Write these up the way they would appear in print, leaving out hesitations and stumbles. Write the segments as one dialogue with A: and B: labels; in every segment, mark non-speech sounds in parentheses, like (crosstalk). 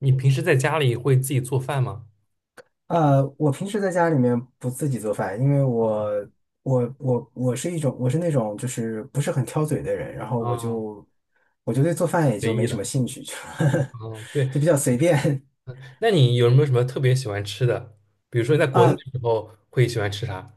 A: 你平时在家里会自己做饭吗？
B: 我平时在家里面不自己做饭，因为我
A: 啊
B: 我我我是一种我是那种就是不是很挑嘴的人，然后我
A: 啊
B: 就我就对做饭也就没什么兴趣，就
A: 啊！对，
B: (laughs) 就比较随便
A: 那你有没有什么特别喜欢吃的？比如说你在国内
B: 啊。
A: 的时候会喜欢吃啥？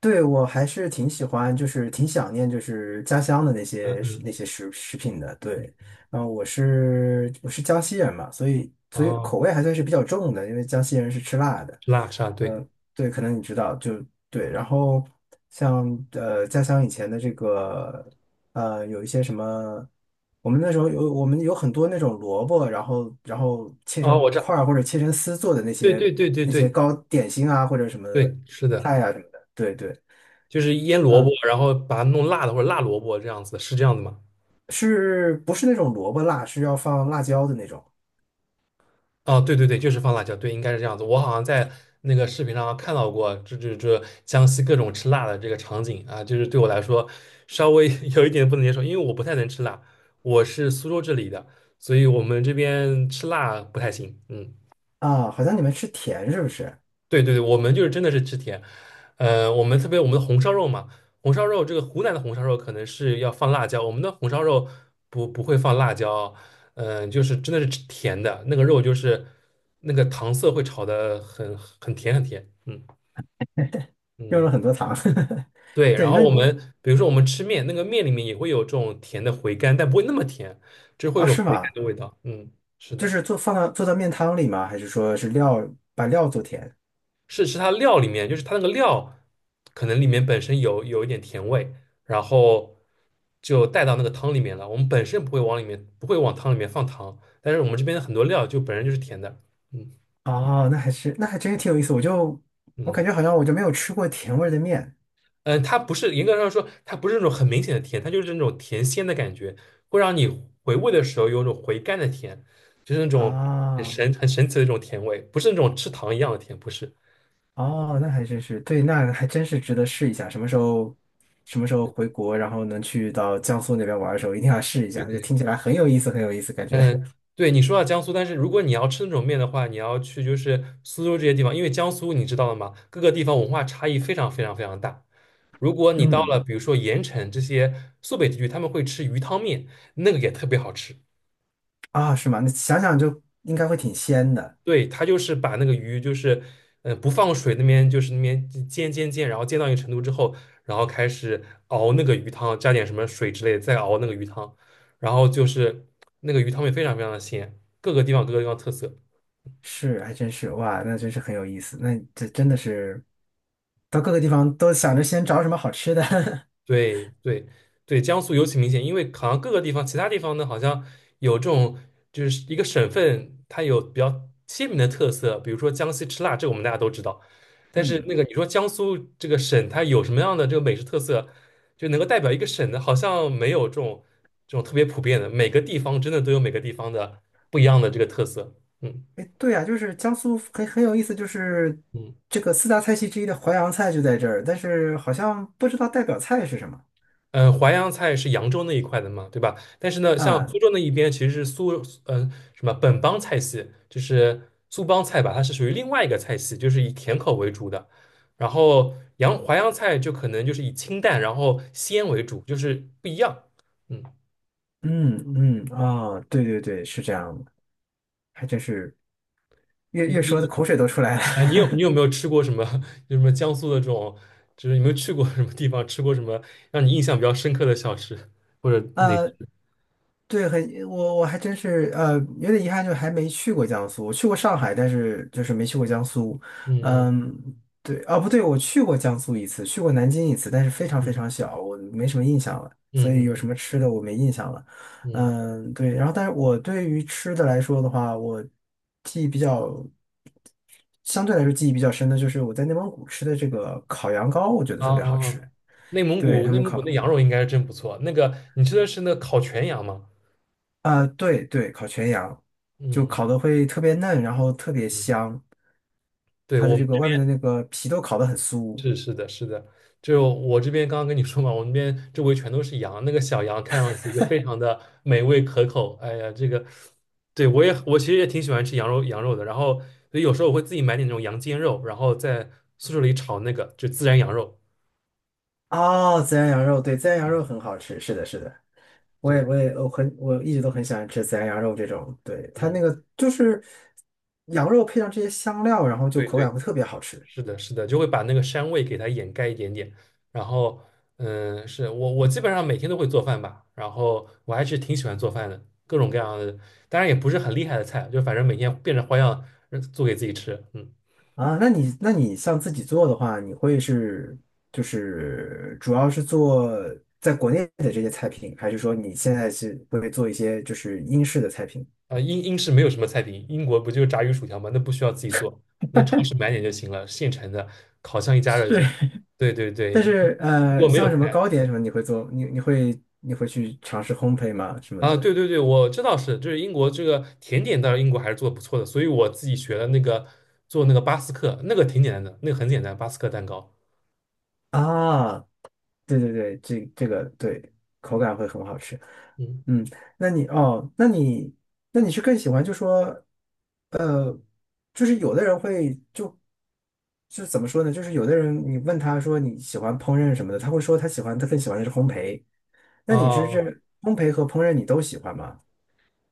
B: 对，我还是挺喜欢，就是挺想念，就是家乡的那
A: 嗯
B: 些食
A: 嗯，
B: 那些食食品的。对，然后我是江西人嘛，所以口
A: 哦，
B: 味还算是比较重的，因为江西人是吃辣的。
A: 吃辣吃辣，对，
B: 呃，对，可能你知道，就对。然后像家乡以前的这个有一些什么，我们有很多那种萝卜，然后切
A: 哦，
B: 成
A: 我知道，
B: 块儿或者切成丝做的那
A: 对
B: 些
A: 对对对对
B: 糕点心啊或者什么
A: 对，是的，
B: 菜啊什么的。对对，
A: 就是腌萝卜，
B: 嗯，
A: 然后把它弄辣的或者辣萝卜这样子，是这样子吗？
B: 是不是那种萝卜辣，是要放辣椒的那种？
A: 哦，对对对，就是放辣椒，对，应该是这样子。我好像在那个视频上看到过，这江西各种吃辣的这个场景啊，就是对我来说稍微 (laughs) 有一点不能接受，因为我不太能吃辣，我是苏州这里的，所以我们这边吃辣不太行。嗯。
B: 啊？好像你们吃甜是不是？
A: 对对对，我们就是真的是吃甜，我们特别我们的红烧肉嘛，红烧肉这个湖南的红烧肉可能是要放辣椒，我们的红烧肉不会放辣椒，嗯、就是真的是吃甜的，那个肉就是那个糖色会炒的很很甜很甜，嗯
B: 用
A: 嗯，
B: 了很多糖。(laughs)
A: 对，然
B: 对，
A: 后我们比如说我们吃面，那个面里面也会有这种甜的回甘，但不会那么甜，就是会有
B: 啊，
A: 一种
B: 是
A: 回甘
B: 吗？
A: 的味道，嗯，是
B: 就
A: 的。
B: 是做做到面汤里吗？还是说把料做甜？
A: 是它料里面，就是它那个料可能里面本身有一点甜味，然后就带到那个汤里面了。我们本身不会往里面不会往汤里面放糖，但是我们这边的很多料就本身就是甜的。嗯
B: 哦，那还真是挺有意思。我
A: 嗯
B: 感觉好像我就没有吃过甜味儿的面
A: 嗯，它不是严格上说，它不是那种很明显的甜，它就是那种甜鲜的感觉，会让你回味的时候有一种回甘的甜，就是那种
B: 啊。
A: 很神奇的一种甜味，不是那种吃糖一样的甜，不是。
B: 哦，那还真是对。那还真是值得试一下。什么时候回国，然后能去到江苏那边玩的时候，一定要试一
A: 对
B: 下。就
A: 对。
B: 听起来很有意思，很有意思，感觉。
A: 嗯，对，你说到江苏，但是如果你要吃那种面的话，你要去就是苏州这些地方，因为江苏你知道的嘛，各个地方文化差异非常非常非常大。如果你到
B: 嗯，
A: 了比如说盐城这些苏北地区，他们会吃鱼汤面，那个也特别好吃。
B: 啊，是吗？那想想就应该会挺鲜的。
A: 对，他就是把那个鱼就是，嗯，不放水那边就是那边煎，然后煎到一个程度之后，然后开始熬那个鱼汤，加点什么水之类的，再熬那个鱼汤，然后就是那个鱼汤面非常非常的鲜，各个地方特色。
B: 是，还真是，哇，那真是很有意思。那这真的是到各个地方都想着先找什么好吃的。(laughs)
A: 对对对，江苏尤其明显，因为好像各个地方，其他地方呢，好像有这种就是一个省份，它有比较鲜明的特色，比如说江西吃辣，这个我们大家都知道。但是那
B: 嗯，
A: 个你说江苏这个省，它有什么样的这个美食特色，就能够代表一个省的，好像没有这种特别普遍的，每个地方真的都有每个地方的不一样的这个特色。嗯
B: 哎，对啊，就是江苏很有意思，就是
A: 嗯。
B: 这个四大菜系之一的淮扬菜就在这儿，但是好像不知道代表菜是什么
A: 淮扬菜是扬州那一块的嘛，对吧？但是呢，像
B: 啊。
A: 苏州那一边其实是苏，呃，什么本帮菜系，就是苏帮菜吧，它是属于另外一个菜系，就是以甜口为主的。然后淮扬菜就可能就是以清淡，然后鲜为主，就是不一样。嗯，
B: 嗯嗯，哦，对对对，是这样的，还真是越
A: 你
B: 越说的
A: 你
B: 口水都出来了。
A: 啊，你有没有吃过什么？(laughs) 就什么江苏的这种，就是有没有去过什么地方，吃过什么让你印象比较深刻的小吃或者
B: (laughs)
A: 美食？
B: 呃。对，我还真是，有点遗憾，就还没去过江苏。我去过上海，但是就是没去过江苏。
A: 嗯
B: 嗯，对，哦，不对，我去过江苏一次，去过南京一次，但是非常非
A: 嗯
B: 常小，我没什么印象了。
A: 嗯
B: 所以
A: 嗯
B: 有什
A: 嗯
B: 么吃的我没印象了。
A: 嗯嗯。
B: 嗯，对，然后但是我对于吃的来说的话，我记忆比较，相对来说记忆比较深的就是我在内蒙古吃的这个烤羊羔，我觉得
A: 啊
B: 特别好
A: 啊啊！
B: 吃。对，他
A: 内
B: 们
A: 蒙古
B: 烤。
A: 那羊肉应该是真不错。那个你吃的是那个烤全羊吗？
B: 啊，对对，烤全羊，就
A: 嗯
B: 烤的会特别嫩，然后特别
A: 嗯，
B: 香，
A: 对，
B: 它
A: 我
B: 的
A: 们
B: 这个
A: 这
B: 外面的
A: 边
B: 那个皮都烤得很酥。
A: 是的是的，就我这边刚刚跟你说嘛，我们这边周围全都是羊，那个小羊看上去就非常的美味可口。哎呀，这个，对我也我其实也挺喜欢吃羊肉的，然后所以有时候我会自己买点那种羊肩肉，然后在宿舍里炒那个就孜然羊肉。
B: 哦，孜然羊肉，对，孜然羊
A: 嗯，
B: 肉很好吃，是的，是的，我
A: 对，
B: 也我也我很我一直都很喜欢吃孜然羊肉这种，对，它
A: 嗯，
B: 那个就是羊肉配上这些香料，然后就
A: 对
B: 口感
A: 对。
B: 会特别好吃
A: 是的，是的，就会把那个膻味给它掩盖一点点。然后，嗯，是我基本上每天都会做饭吧，然后我还是挺喜欢做饭的，各种各样的，当然也不是很厉害的菜，就反正每天变着花样做给自己吃。嗯，
B: 啊。那你像自己做的话，你会是就是主要是做在国内的这些菜品，还是说你现在是会做一些就是英式的菜品？
A: 英式没有什么菜品，英国不就是炸鱼薯条吗？那不需要自己做，那超市买点就行了，现成的，烤箱一加热就
B: 是，
A: 行。对对
B: 但
A: 对，
B: 是
A: 英国没有
B: 像什么
A: 菜，
B: 糕点什么，你会做？你会去尝试烘焙吗？什么
A: 啊，
B: 的？
A: 对对对，我知道是，就是英国这个甜点，当然英国还是做的不错的，所以我自己学了那个做那个巴斯克，那个挺简单的，那个很简单，巴斯克蛋糕。
B: 啊，对对对，这个对，口感会很好吃。
A: 嗯，
B: 嗯，哦，那你是更喜欢就说呃，就是有的人会就怎么说呢？就是有的人你问他说你喜欢烹饪什么的，他会说他更喜欢的是烘焙。那你是这
A: 啊，
B: 烘焙和烹饪你都喜欢吗？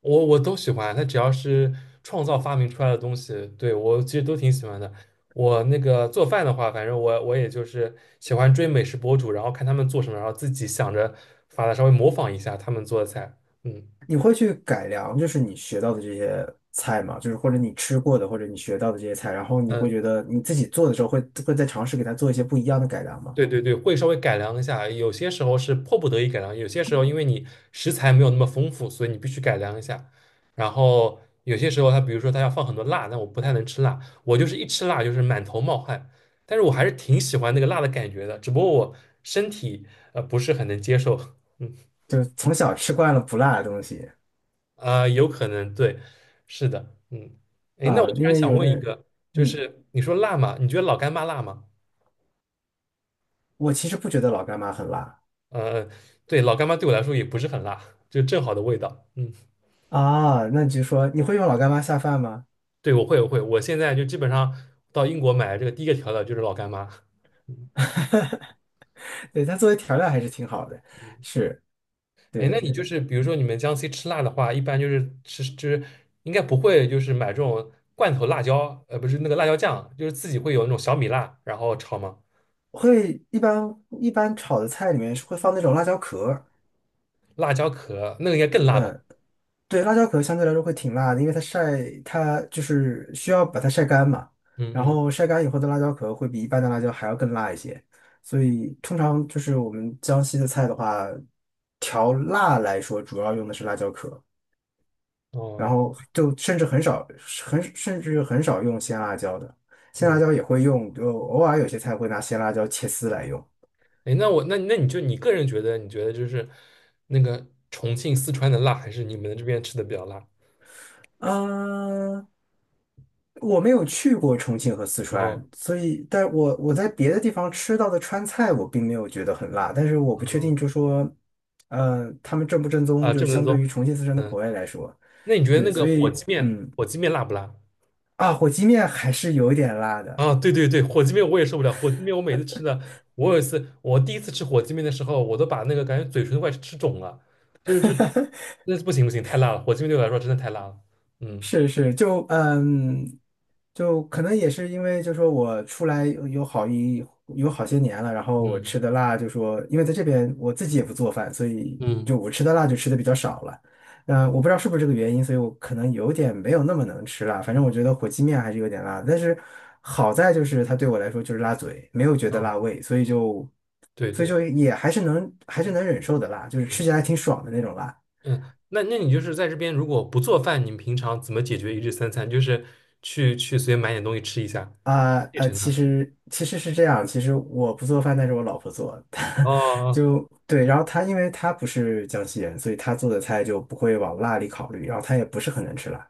A: 我都喜欢，它只要是创造发明出来的东西，对，我其实都挺喜欢的。我那个做饭的话，反正我也就是喜欢追美食博主，然后看他们做什么，然后自己想着法子稍微模仿一下他们做的菜。嗯
B: 你会去改良，就是你学到的这些菜嘛，就是或者你吃过的，或者你学到的这些菜，然后你会觉
A: 嗯。
B: 得你自己做的时候会再尝试给它做一些不一样的改良吗？
A: 对对对，会稍微改良一下，有些时候是迫不得已改良，有些时候因为你食材没有那么丰富，所以你必须改良一下。然后有些时候它，比如说它要放很多辣，但我不太能吃辣，我就是一吃辣就是满头冒汗，但是我还是挺喜欢那个辣的感觉的，只不过我身体不是很能接受，(laughs) 嗯
B: 就是从小吃惯了不辣的东西
A: 啊、有可能对，是的，嗯，哎，那我
B: 啊，
A: 突
B: 因
A: 然
B: 为
A: 想
B: 有的
A: 问一
B: 人，
A: 个，就
B: 嗯，
A: 是你说辣嘛，你觉得老干妈辣吗？
B: 我其实不觉得老干妈很辣
A: 呃，对，老干妈对我来说也不是很辣，就正好的味道，嗯。
B: 啊，那你就说你会用老干妈下饭吗？
A: 对，我会，我会，我现在就基本上到英国买这个第一个调料就是老干妈。
B: (laughs) 对，它作为调料还是挺好的，是，对
A: 哎，那
B: 的，
A: 你
B: 对
A: 就
B: 的，
A: 是比如说你们江西吃辣的话，一般就是吃就是应该不会就是买这种罐头辣椒，不是那个辣椒酱，就是自己会有那种小米辣，然后炒吗？
B: 会一般炒的菜里面是会放那种辣椒壳儿
A: 辣椒壳那个应该更辣吧？
B: 嗯。对，辣椒壳相对来说会挺辣的，因为它就是需要把它晒干嘛，
A: 嗯
B: 然
A: 嗯，
B: 后晒干以后的辣椒壳会比一般的辣椒还要更辣一些，所以通常就是我们江西的菜的话，调辣来说主要用的是辣椒壳，
A: 哦，
B: 然后就甚至很少用鲜辣椒的，鲜辣
A: 嗯，
B: 椒也会用，就偶尔有些菜会拿鲜辣椒切丝来用。
A: 哎，那我那那你就你个人觉得，你觉得就是那个重庆、四川的辣，还是你们这边吃的比较辣？
B: 嗯，我没有去过重庆和四川，
A: 哦，
B: 所以，但我在别的地方吃到的川菜，我并没有觉得很辣，但是我不确定，
A: 哦，
B: 就说，他们正不正宗，
A: 啊，
B: 就是
A: 这么
B: 相
A: 多，
B: 对于重庆、四川的口
A: 嗯，
B: 味来说，
A: 那你觉得
B: 对，
A: 那
B: 所
A: 个火
B: 以，
A: 鸡面，
B: 嗯，
A: 火鸡面辣不辣？
B: 啊，火鸡面还是有一点辣的，
A: 啊，对对对，火鸡面我也受不了。火鸡面我每次吃的，我有一次，我第一次吃火鸡面的时候，我都把那个感觉嘴唇都快吃肿了，就是这，那不行不行，太辣了。火鸡面对我来说真的太辣了。嗯
B: 是是，就嗯，就可能也是因为，就说我出来有好些年了，然后我
A: 嗯
B: 吃的辣，就说因为在这边我自己也不做饭，所以
A: 嗯
B: 就我吃的辣就吃的比较少了。嗯、我不知道是不是这个原因，所以我可能有点没有那么能吃辣。反
A: 嗯
B: 正我觉得火鸡面还是有点辣，但是好在就是它对我来说就是辣嘴，没有觉得辣
A: 嗯，
B: 胃，所以就
A: 对
B: 所以
A: 对，
B: 就也还是能忍受的辣，就是
A: 嗯
B: 吃起来还挺爽的那种辣。
A: 嗯，那那你就是在这边如果不做饭，你们平常怎么解决一日三餐？就是去随便买点东西吃一下，现成
B: 其
A: 的。
B: 实其实是这样，其实我不做饭，但是我老婆做，(laughs) 她
A: 哦
B: 就对，然后她因为她不是江西人，所以她做的菜就不会往辣里考虑，然后她也不是很能吃辣，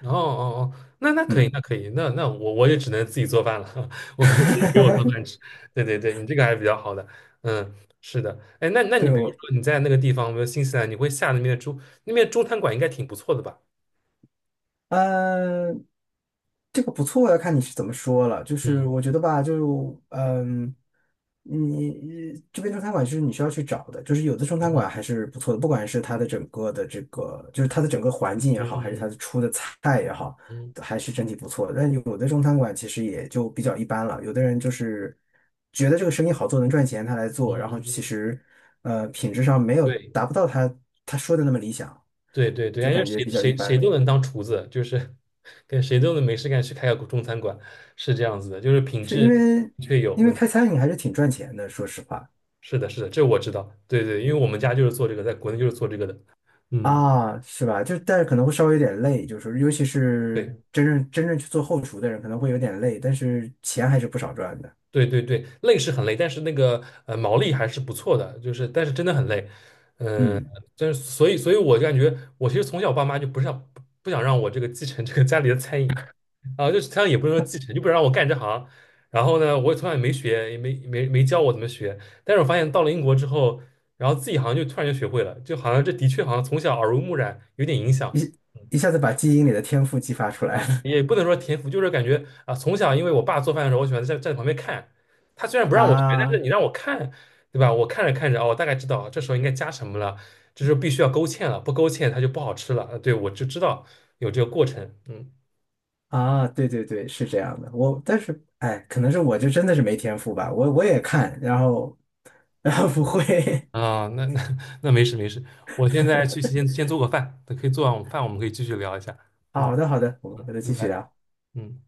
A: 哦哦哦，那那可以，
B: 嗯，
A: 那可以，那我也只能自己做饭了，(laughs) 我没有人给我做饭吃。
B: (laughs)
A: 对对对，你这个还是比较好的，嗯，是的，哎，那你
B: 对
A: 比如
B: 我。
A: 说你在那个地方，比如新西兰，你会下那边的中那边中餐馆应该挺不错的吧？
B: 嗯，这个不错，要看你是怎么说了。就是
A: 嗯
B: 我觉得吧，就你这边中餐馆是你需要去找的，就是有的中餐馆
A: 嗯
B: 还是不错的，不管是它的整个的这个，就是它的整个环境也
A: 嗯
B: 好，还是它的
A: 嗯
B: 出的菜也好，
A: 嗯
B: 还是整体不错的。但有的中餐馆其实也就比较一般了，有的人就是觉得这个生意好做，能赚钱，他来
A: 嗯
B: 做，然后
A: 嗯嗯，
B: 其
A: 嗯
B: 实品质上没有
A: 对
B: 达不到他说的那么理想，
A: 对对对，因
B: 就
A: 为
B: 感觉比较一
A: 谁
B: 般那
A: 都
B: 种。
A: 能当厨子，就是跟谁都能没事干去开个中餐馆，是这样子的，就是品
B: 是
A: 质
B: 因
A: 的
B: 为
A: 确有问题。
B: 开餐饮还是挺赚钱的，说实话
A: 是的，是的，这我知道。对对，因为我们家就是做这个，在国内就是做这个的。嗯，
B: 啊，是吧？就但是可能会稍微有点累，就是尤其是
A: 对
B: 真正去做后厨的人，可能会有点累，但是钱还是不少赚的。
A: 对对对，累是很累，但是那个毛利还是不错的，就是但是真的很累。嗯、
B: 嗯，
A: 但是所以我就感觉我其实从小爸妈就不是想不想让我这个继承这个家里的餐饮，啊，就是他也不是说继承，就不让我干这行。然后呢，我也从来也没学，也没教我怎么学。但是我发现到了英国之后，然后自己好像就突然就学会了，就好像这的确好像从小耳濡目染，有点影响。
B: 一
A: 嗯
B: 一下子把基因里的天赋激发出来了。
A: 也不能说天赋，就是感觉啊，从小因为我爸做饭的时候，我喜欢在站在旁边看。他虽然
B: (laughs)
A: 不让我学，但是
B: 啊
A: 你让我看，对吧？我看着看着，哦，我大概知道这时候应该加什么了，这时候必须要勾芡了，不勾芡它就不好吃了。对，我就知道有这个过程。嗯，
B: 啊！对对对，是这样的。我但是哎，可能是我就真的是没天赋吧，我也看，然后 (laughs) 然后不会。(laughs)
A: 啊，那那 (laughs) 那没事没事，我现在去先做个饭，等可以做完饭我们可以继续聊一下。嗯，
B: 好的好的，我们回头
A: 拜
B: 继续
A: 拜。
B: 聊。
A: 嗯。